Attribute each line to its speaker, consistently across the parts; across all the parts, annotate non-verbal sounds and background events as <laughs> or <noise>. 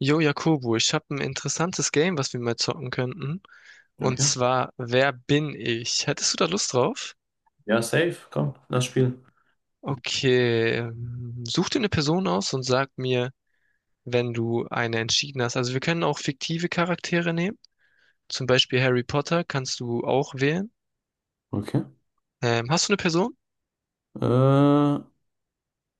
Speaker 1: Jo, Jakobo, ich habe ein interessantes Game, was wir mal zocken könnten. Und
Speaker 2: Okay.
Speaker 1: zwar, wer bin ich? Hättest du da Lust drauf?
Speaker 2: Ja, safe. Komm, lass spielen.
Speaker 1: Okay, such dir eine Person aus und sag mir, wenn du eine entschieden hast. Also wir können auch fiktive Charaktere nehmen. Zum Beispiel Harry Potter kannst du auch wählen.
Speaker 2: Okay.
Speaker 1: Hast du eine Person?
Speaker 2: Äh,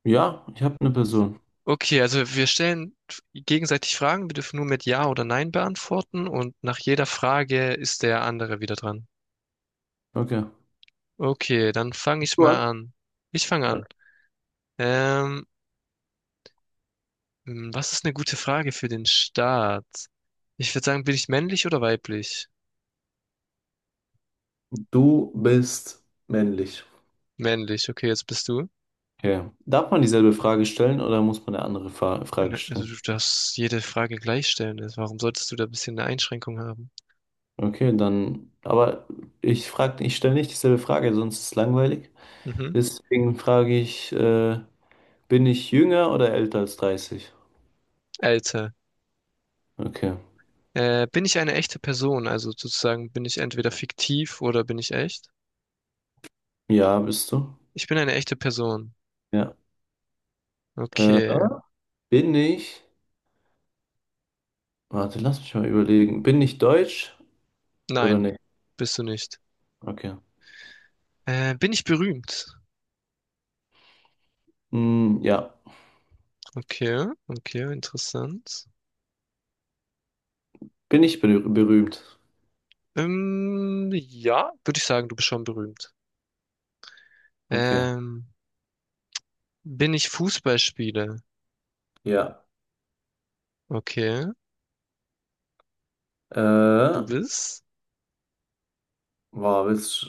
Speaker 2: ja, ich habe eine Person.
Speaker 1: Okay, also wir stellen gegenseitig Fragen. Wir dürfen nur mit Ja oder Nein beantworten. Und nach jeder Frage ist der andere wieder dran.
Speaker 2: Okay.
Speaker 1: Okay, dann fange ich
Speaker 2: Du an.
Speaker 1: mal an. Ich fange
Speaker 2: Okay.
Speaker 1: an. Ähm, Was ist eine gute Frage für den Start? Ich würde sagen, bin ich männlich oder weiblich?
Speaker 2: Du bist männlich.
Speaker 1: Männlich, okay, jetzt bist du.
Speaker 2: Okay. Darf man dieselbe Frage stellen oder muss man eine andere Fa Frage
Speaker 1: Na, also
Speaker 2: stellen?
Speaker 1: du darfst jede Frage gleich stellen. Also warum solltest du da ein bisschen eine Einschränkung haben?
Speaker 2: Okay, dann. Aber ich stelle nicht dieselbe Frage, sonst ist es langweilig.
Speaker 1: Mhm.
Speaker 2: Deswegen frage ich, bin ich jünger oder älter als 30?
Speaker 1: Alter.
Speaker 2: Okay.
Speaker 1: Bin ich eine echte Person? Also sozusagen bin ich entweder fiktiv oder bin ich echt?
Speaker 2: Ja, bist du?
Speaker 1: Ich bin eine echte Person.
Speaker 2: Ja. Äh,
Speaker 1: Okay.
Speaker 2: Bin ich? Warte, lass mich mal überlegen. Bin ich deutsch oder
Speaker 1: Nein,
Speaker 2: nicht?
Speaker 1: bist du nicht.
Speaker 2: Okay.
Speaker 1: Bin ich berühmt?
Speaker 2: Hm, ja.
Speaker 1: Okay, okay, interessant.
Speaker 2: Bin ich berühmt?
Speaker 1: Ja, würde ich sagen, du bist schon berühmt.
Speaker 2: Okay.
Speaker 1: Ähm, Bin ich Fußballspieler?
Speaker 2: Ja.
Speaker 1: Okay. Du
Speaker 2: Äh,
Speaker 1: bist?
Speaker 2: boah, willst,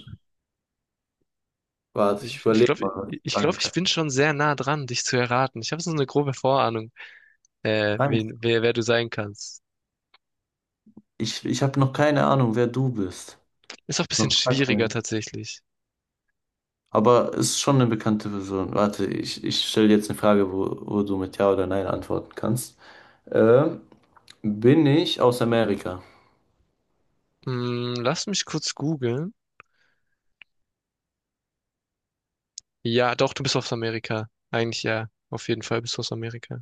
Speaker 2: Warte, ich
Speaker 1: Ich
Speaker 2: überlege
Speaker 1: glaube,
Speaker 2: mal, was ich fragen
Speaker 1: ich
Speaker 2: kann.
Speaker 1: bin schon sehr nah dran, dich zu erraten. Ich habe so eine grobe Vorahnung,
Speaker 2: Nein,
Speaker 1: wer du sein kannst.
Speaker 2: ich habe noch keine Ahnung, wer du bist.
Speaker 1: Ist auch ein bisschen
Speaker 2: Noch gar
Speaker 1: schwieriger
Speaker 2: keinen.
Speaker 1: tatsächlich.
Speaker 2: Aber ist schon eine bekannte Person. Warte, ich stelle jetzt eine Frage, wo du mit Ja oder Nein antworten kannst. Äh, Bin ich aus Amerika?
Speaker 1: Hm, lass mich kurz googeln. Ja, doch, du bist aus Amerika. Eigentlich ja. Auf jeden Fall bist du aus Amerika.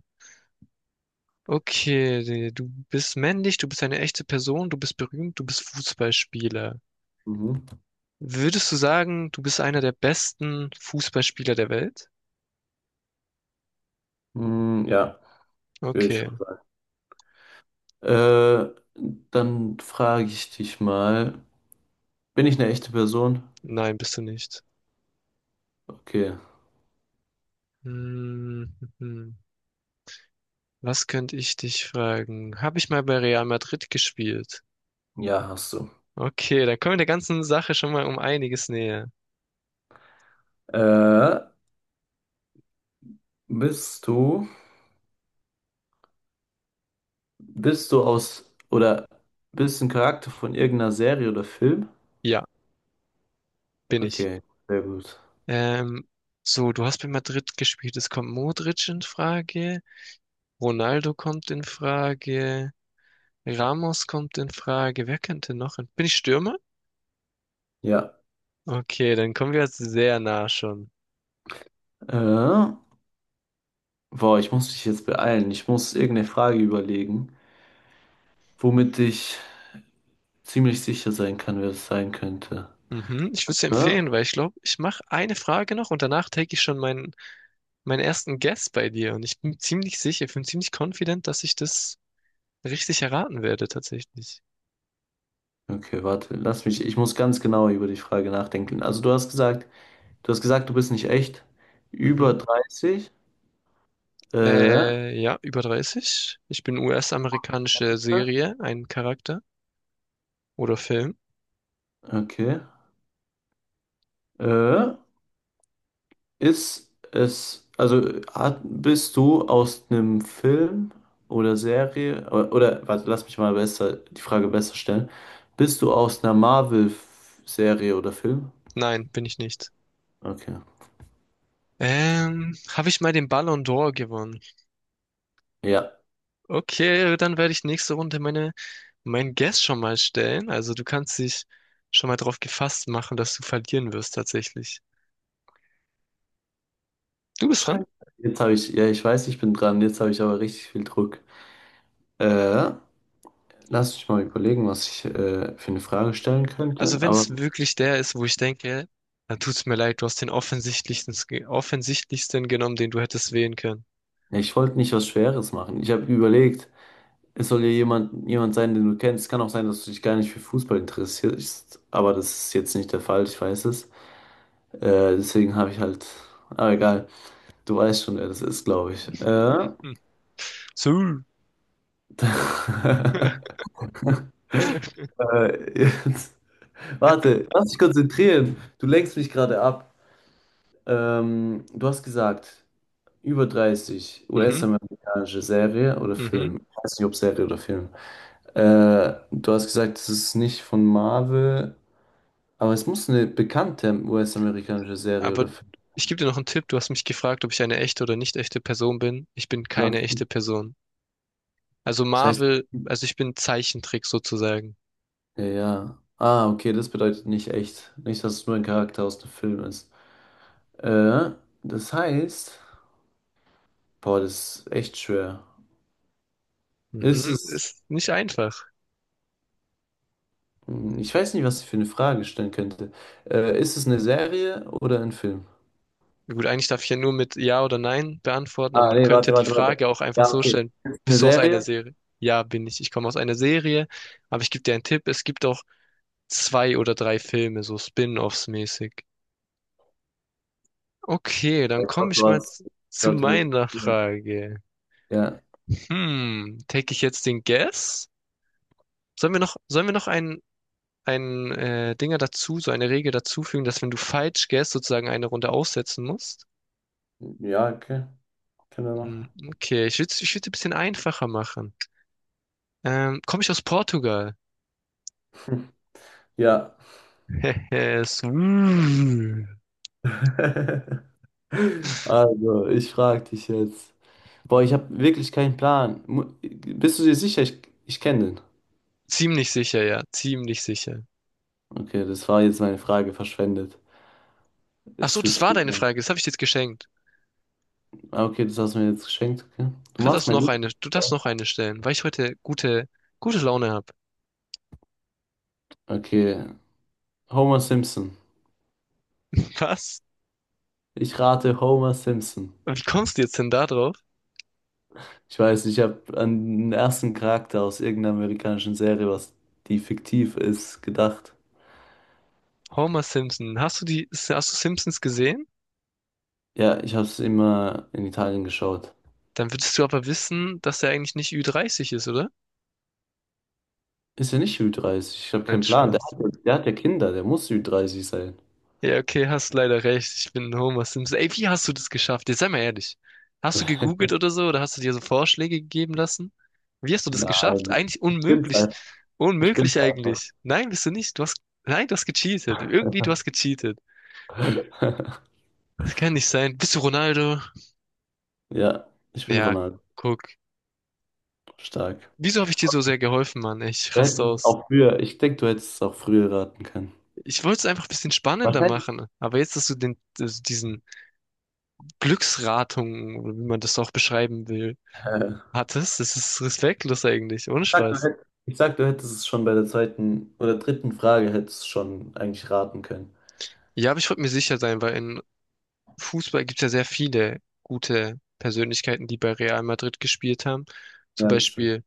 Speaker 1: Okay, du bist männlich, du bist eine echte Person, du bist berühmt, du bist Fußballspieler.
Speaker 2: Mhm.
Speaker 1: Würdest du sagen, du bist einer der besten Fußballspieler der Welt?
Speaker 2: Hm, ja, würde ich
Speaker 1: Okay.
Speaker 2: schon sagen. Äh, Dann frage ich dich mal, bin ich eine echte Person?
Speaker 1: Nein, bist du nicht.
Speaker 2: Okay,
Speaker 1: Hm, hm. Was könnte ich dich fragen? Habe ich mal bei Real Madrid gespielt?
Speaker 2: ja, hast du.
Speaker 1: Okay, dann kommen wir der ganzen Sache schon mal um einiges näher.
Speaker 2: Äh, bist du, bist du aus, oder bist ein Charakter von irgendeiner Serie oder Film?
Speaker 1: Ja, bin ich.
Speaker 2: Okay, sehr gut.
Speaker 1: Ähm, Du hast bei Madrid gespielt. Es kommt Modric in Frage, Ronaldo kommt in Frage, Ramos kommt in Frage. Wer könnte noch in... Bin ich Stürmer?
Speaker 2: Ja.
Speaker 1: Okay, dann kommen wir jetzt sehr nah schon.
Speaker 2: Äh, Boah, ich muss mich jetzt beeilen. Ich muss irgendeine Frage überlegen, womit ich ziemlich sicher sein kann, wer es sein könnte.
Speaker 1: Mhm, ich würde es
Speaker 2: Ja?
Speaker 1: empfehlen, weil ich glaube, ich mache eine Frage noch und danach take ich schon meinen ersten Guess bei dir und ich bin ziemlich sicher, ich bin ziemlich confident, dass ich das richtig erraten werde tatsächlich.
Speaker 2: Okay, warte, ich muss ganz genau über die Frage nachdenken. Also du hast gesagt, du bist nicht echt über
Speaker 1: Mhm.
Speaker 2: 30. Äh,
Speaker 1: Ja, über 30. Ich bin US-amerikanische Serie, ein Charakter oder Film.
Speaker 2: okay. Äh, Ist es, bist du aus einem Film oder Serie, oder warte, lass mich mal besser, die Frage besser stellen. Bist du aus einer Marvel-Serie oder Film?
Speaker 1: Nein, bin ich nicht.
Speaker 2: Okay.
Speaker 1: Habe ich mal den Ballon d'Or gewonnen?
Speaker 2: Ja.
Speaker 1: Okay, dann werde ich nächste Runde mein Guess schon mal stellen. Also du kannst dich schon mal drauf gefasst machen, dass du verlieren wirst tatsächlich. Du bist dran.
Speaker 2: Scheiße. Jetzt habe ich, ja, ich weiß, ich bin dran, jetzt habe ich aber richtig viel Druck. Äh, Lass mich mal überlegen, was ich für eine Frage stellen könnte,
Speaker 1: Also wenn
Speaker 2: aber
Speaker 1: es wirklich der ist, wo ich denke, dann tut's mir leid, du hast den offensichtlichsten genommen, den du hättest wählen können.
Speaker 2: ich wollte nicht was Schweres machen. Ich habe überlegt, es soll ja jemand sein, den du kennst. Kann auch sein, dass du dich gar nicht für Fußball interessierst, aber das ist jetzt nicht der Fall, ich weiß es. Deswegen habe ich halt. Aber egal, du weißt schon, wer das ist, glaube ich.
Speaker 1: Mhm. So.
Speaker 2: <laughs>
Speaker 1: <laughs>
Speaker 2: Jetzt. Warte, lass dich konzentrieren. Du lenkst mich gerade ab. Du hast gesagt, über 30
Speaker 1: Mhm,
Speaker 2: US-amerikanische Serie oder
Speaker 1: mhm.
Speaker 2: Film. Ich weiß nicht, ob Serie oder Film. Du hast gesagt, es ist nicht von Marvel. Aber es muss eine bekannte US-amerikanische Serie
Speaker 1: Aber
Speaker 2: oder Film
Speaker 1: ich gebe dir noch einen Tipp. Du hast mich gefragt, ob ich eine echte oder nicht echte Person bin. Ich bin keine
Speaker 2: sein.
Speaker 1: echte Person. Also
Speaker 2: Das heißt,
Speaker 1: Marvel, also ich bin Zeichentrick sozusagen.
Speaker 2: ja. Ja. Ah, okay, das bedeutet nicht echt. Nicht, dass es nur ein Charakter aus dem Film ist. Äh, Das heißt, boah, das ist echt schwer. Ist
Speaker 1: Mhm.
Speaker 2: es,
Speaker 1: Ist nicht einfach.
Speaker 2: Hm, ich weiß nicht, was ich für eine Frage stellen könnte. Ist es eine Serie oder ein Film?
Speaker 1: Gut, eigentlich darf ich ja nur mit Ja oder Nein beantworten, aber
Speaker 2: Ah,
Speaker 1: man
Speaker 2: nee,
Speaker 1: könnte die
Speaker 2: warte.
Speaker 1: Frage auch einfach
Speaker 2: Ja,
Speaker 1: so
Speaker 2: okay.
Speaker 1: stellen,
Speaker 2: Ist es eine
Speaker 1: bist du aus einer
Speaker 2: Serie?
Speaker 1: Serie? Ja, bin ich. Ich komme aus einer Serie, aber ich gebe dir einen Tipp, es gibt auch zwei oder drei Filme, so Spin-offs mäßig. Okay,
Speaker 2: Oh,
Speaker 1: dann
Speaker 2: ich
Speaker 1: komme
Speaker 2: glaube,
Speaker 1: ich mal
Speaker 2: ich
Speaker 1: zu
Speaker 2: glaube, du
Speaker 1: meiner
Speaker 2: wirst.
Speaker 1: Frage.
Speaker 2: Ja,
Speaker 1: Hm, take ich jetzt den Guess? Sollen wir noch ein Dinger dazu, so eine Regel dazufügen, dass wenn du falsch guess, sozusagen eine Runde aussetzen musst?
Speaker 2: ja, okay, können wir
Speaker 1: Hm,
Speaker 2: machen.
Speaker 1: okay, ich würd's ein bisschen einfacher machen. Komme ich aus Portugal?
Speaker 2: Ja.
Speaker 1: <laughs> Es- Mm.
Speaker 2: <laughs> Also, ich frage dich jetzt. Boah, ich habe wirklich keinen Plan. Mu- Bist du dir sicher? Ich kenne den.
Speaker 1: Ziemlich sicher, ja. Ziemlich sicher.
Speaker 2: Okay, das war jetzt meine Frage verschwendet.
Speaker 1: Ach so,
Speaker 2: Jetzt
Speaker 1: das
Speaker 2: bist
Speaker 1: war
Speaker 2: du
Speaker 1: deine
Speaker 2: dran.
Speaker 1: Frage. Das habe ich dir jetzt geschenkt.
Speaker 2: Ah, okay, das hast du mir jetzt geschenkt. Okay. Du
Speaker 1: Kannst
Speaker 2: machst
Speaker 1: das
Speaker 2: mein
Speaker 1: noch eine,
Speaker 2: Leben.
Speaker 1: du darfst noch eine stellen, weil ich heute gute Laune habe.
Speaker 2: Okay, Homer Simpson.
Speaker 1: Was?
Speaker 2: Ich rate Homer Simpson.
Speaker 1: Wie kommst du jetzt denn da drauf?
Speaker 2: Ich weiß, ich habe an den ersten Charakter aus irgendeiner amerikanischen Serie, was die fiktiv ist, gedacht.
Speaker 1: Homer Simpson. Hast du die, hast du Simpsons gesehen?
Speaker 2: Ja, ich habe es immer in Italien geschaut.
Speaker 1: Dann würdest du aber wissen, dass er eigentlich nicht Ü30 ist, oder?
Speaker 2: Ist ja nicht Ü30. Ich habe
Speaker 1: Nein,
Speaker 2: keinen Plan.
Speaker 1: Spaß.
Speaker 2: Der hat ja Kinder, der muss Ü30 sein.
Speaker 1: Ja, okay, hast leider recht. Ich bin Homer Simpson. Ey, wie hast du das geschafft? Jetzt sei mal ehrlich. Hast du gegoogelt oder
Speaker 2: <laughs>
Speaker 1: so? Oder hast du dir so Vorschläge gegeben lassen? Wie hast du das geschafft?
Speaker 2: Nein,
Speaker 1: Eigentlich
Speaker 2: ich bin's
Speaker 1: unmöglich.
Speaker 2: einfach. Ich
Speaker 1: Unmöglich
Speaker 2: bin's einfach.
Speaker 1: eigentlich. Nein, bist du nicht. Du hast, nein, du hast gecheatet. Irgendwie, du hast gecheatet.
Speaker 2: <laughs>
Speaker 1: Das kann nicht sein. Bist du Ronaldo?
Speaker 2: Ja, ich bin
Speaker 1: Ja,
Speaker 2: Ronaldo.
Speaker 1: guck.
Speaker 2: Stark.
Speaker 1: Wieso habe ich dir so sehr geholfen, Mann? Ich
Speaker 2: Du
Speaker 1: raste
Speaker 2: hättest es
Speaker 1: aus.
Speaker 2: auch früher, ich denke, du hättest es auch früher raten können.
Speaker 1: Ich wollte es einfach ein bisschen spannender
Speaker 2: Wahrscheinlich.
Speaker 1: machen. Aber jetzt, dass du den, also diesen Glücksratung, oder wie man das auch beschreiben will,
Speaker 2: Äh,
Speaker 1: hat es? Das ist respektlos eigentlich. Ohne Spaß.
Speaker 2: ich sag, du hättest es schon bei der zweiten oder dritten Frage hättest du es schon eigentlich raten können.
Speaker 1: Ja, aber ich wollte mir sicher sein, weil in Fußball gibt es ja sehr viele gute Persönlichkeiten, die bei Real Madrid gespielt haben. Zum
Speaker 2: Ja, das stimmt.
Speaker 1: Beispiel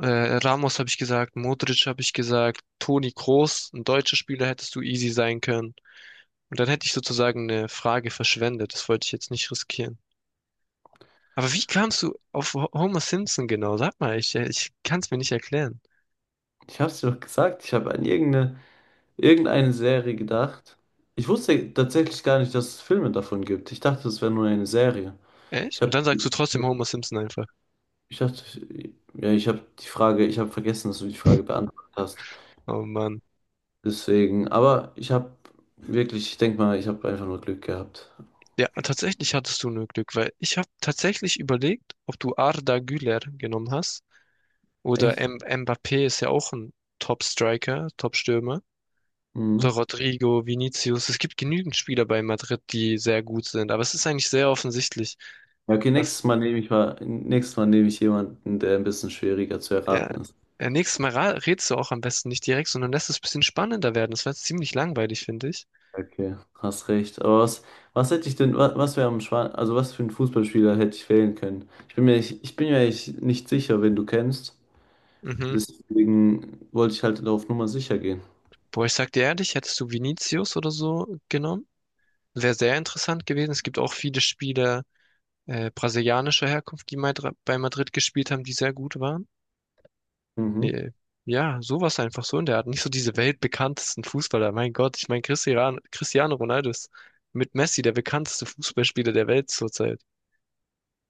Speaker 1: äh, Ramos habe ich gesagt, Modric habe ich gesagt, Toni Kroos, ein deutscher Spieler hättest du easy sein können. Und dann hätte ich sozusagen eine Frage verschwendet. Das wollte ich jetzt nicht riskieren. Aber wie kamst du auf Homer Simpson genau? Sag mal, ich kann es mir nicht erklären.
Speaker 2: Ich hab's dir doch gesagt, ich habe an irgendeine Serie gedacht. Ich wusste tatsächlich gar nicht, dass es Filme davon gibt. Ich dachte, es wäre nur eine Serie. Ich
Speaker 1: Echt? Und
Speaker 2: hab,
Speaker 1: dann sagst du trotzdem Homer Simpson einfach.
Speaker 2: ich dachte, ja, Ich habe die ich habe vergessen, dass du die Frage
Speaker 1: <laughs>
Speaker 2: beantwortet hast.
Speaker 1: Oh Mann.
Speaker 2: Deswegen, aber ich habe wirklich, ich denke mal, ich habe einfach nur Glück gehabt.
Speaker 1: Ja, tatsächlich hattest du nur Glück, weil ich habe tatsächlich überlegt, ob du Arda Güler genommen hast oder
Speaker 2: Echt?
Speaker 1: M Mbappé ist ja auch ein Top-Striker, Top-Stürmer oder
Speaker 2: Mhm.
Speaker 1: Rodrigo, Vinicius. Es gibt genügend Spieler bei Madrid, die sehr gut sind, aber es ist eigentlich sehr offensichtlich,
Speaker 2: Ja, okay,
Speaker 1: dass
Speaker 2: Nächstes Mal nehme ich jemanden, der ein bisschen schwieriger zu
Speaker 1: ja,
Speaker 2: erraten ist.
Speaker 1: ja, nächstes Mal rätst du auch am besten nicht direkt, sondern lässt es ein bisschen spannender werden. Das war jetzt ziemlich langweilig, finde ich.
Speaker 2: Okay, hast recht. Aber was hätte ich denn, was wäre am Schwan, also was für einen Fußballspieler hätte ich wählen können? Ich bin mir echt nicht sicher, wen du kennst.
Speaker 1: Mhm.
Speaker 2: Deswegen wollte ich halt auf Nummer sicher gehen.
Speaker 1: Boah, ich sag dir ehrlich, hättest du Vinicius oder so genommen, wäre sehr interessant gewesen. Es gibt auch viele Spieler brasilianischer Herkunft, die bei Madrid gespielt haben, die sehr gut waren.
Speaker 2: Mhm.
Speaker 1: Äh, ja, sowas einfach so in der Art. Nicht so diese weltbekanntesten Fußballer. Mein Gott, ich meine, Cristiano Ronaldo ist mit Messi der bekannteste Fußballspieler der Welt zurzeit.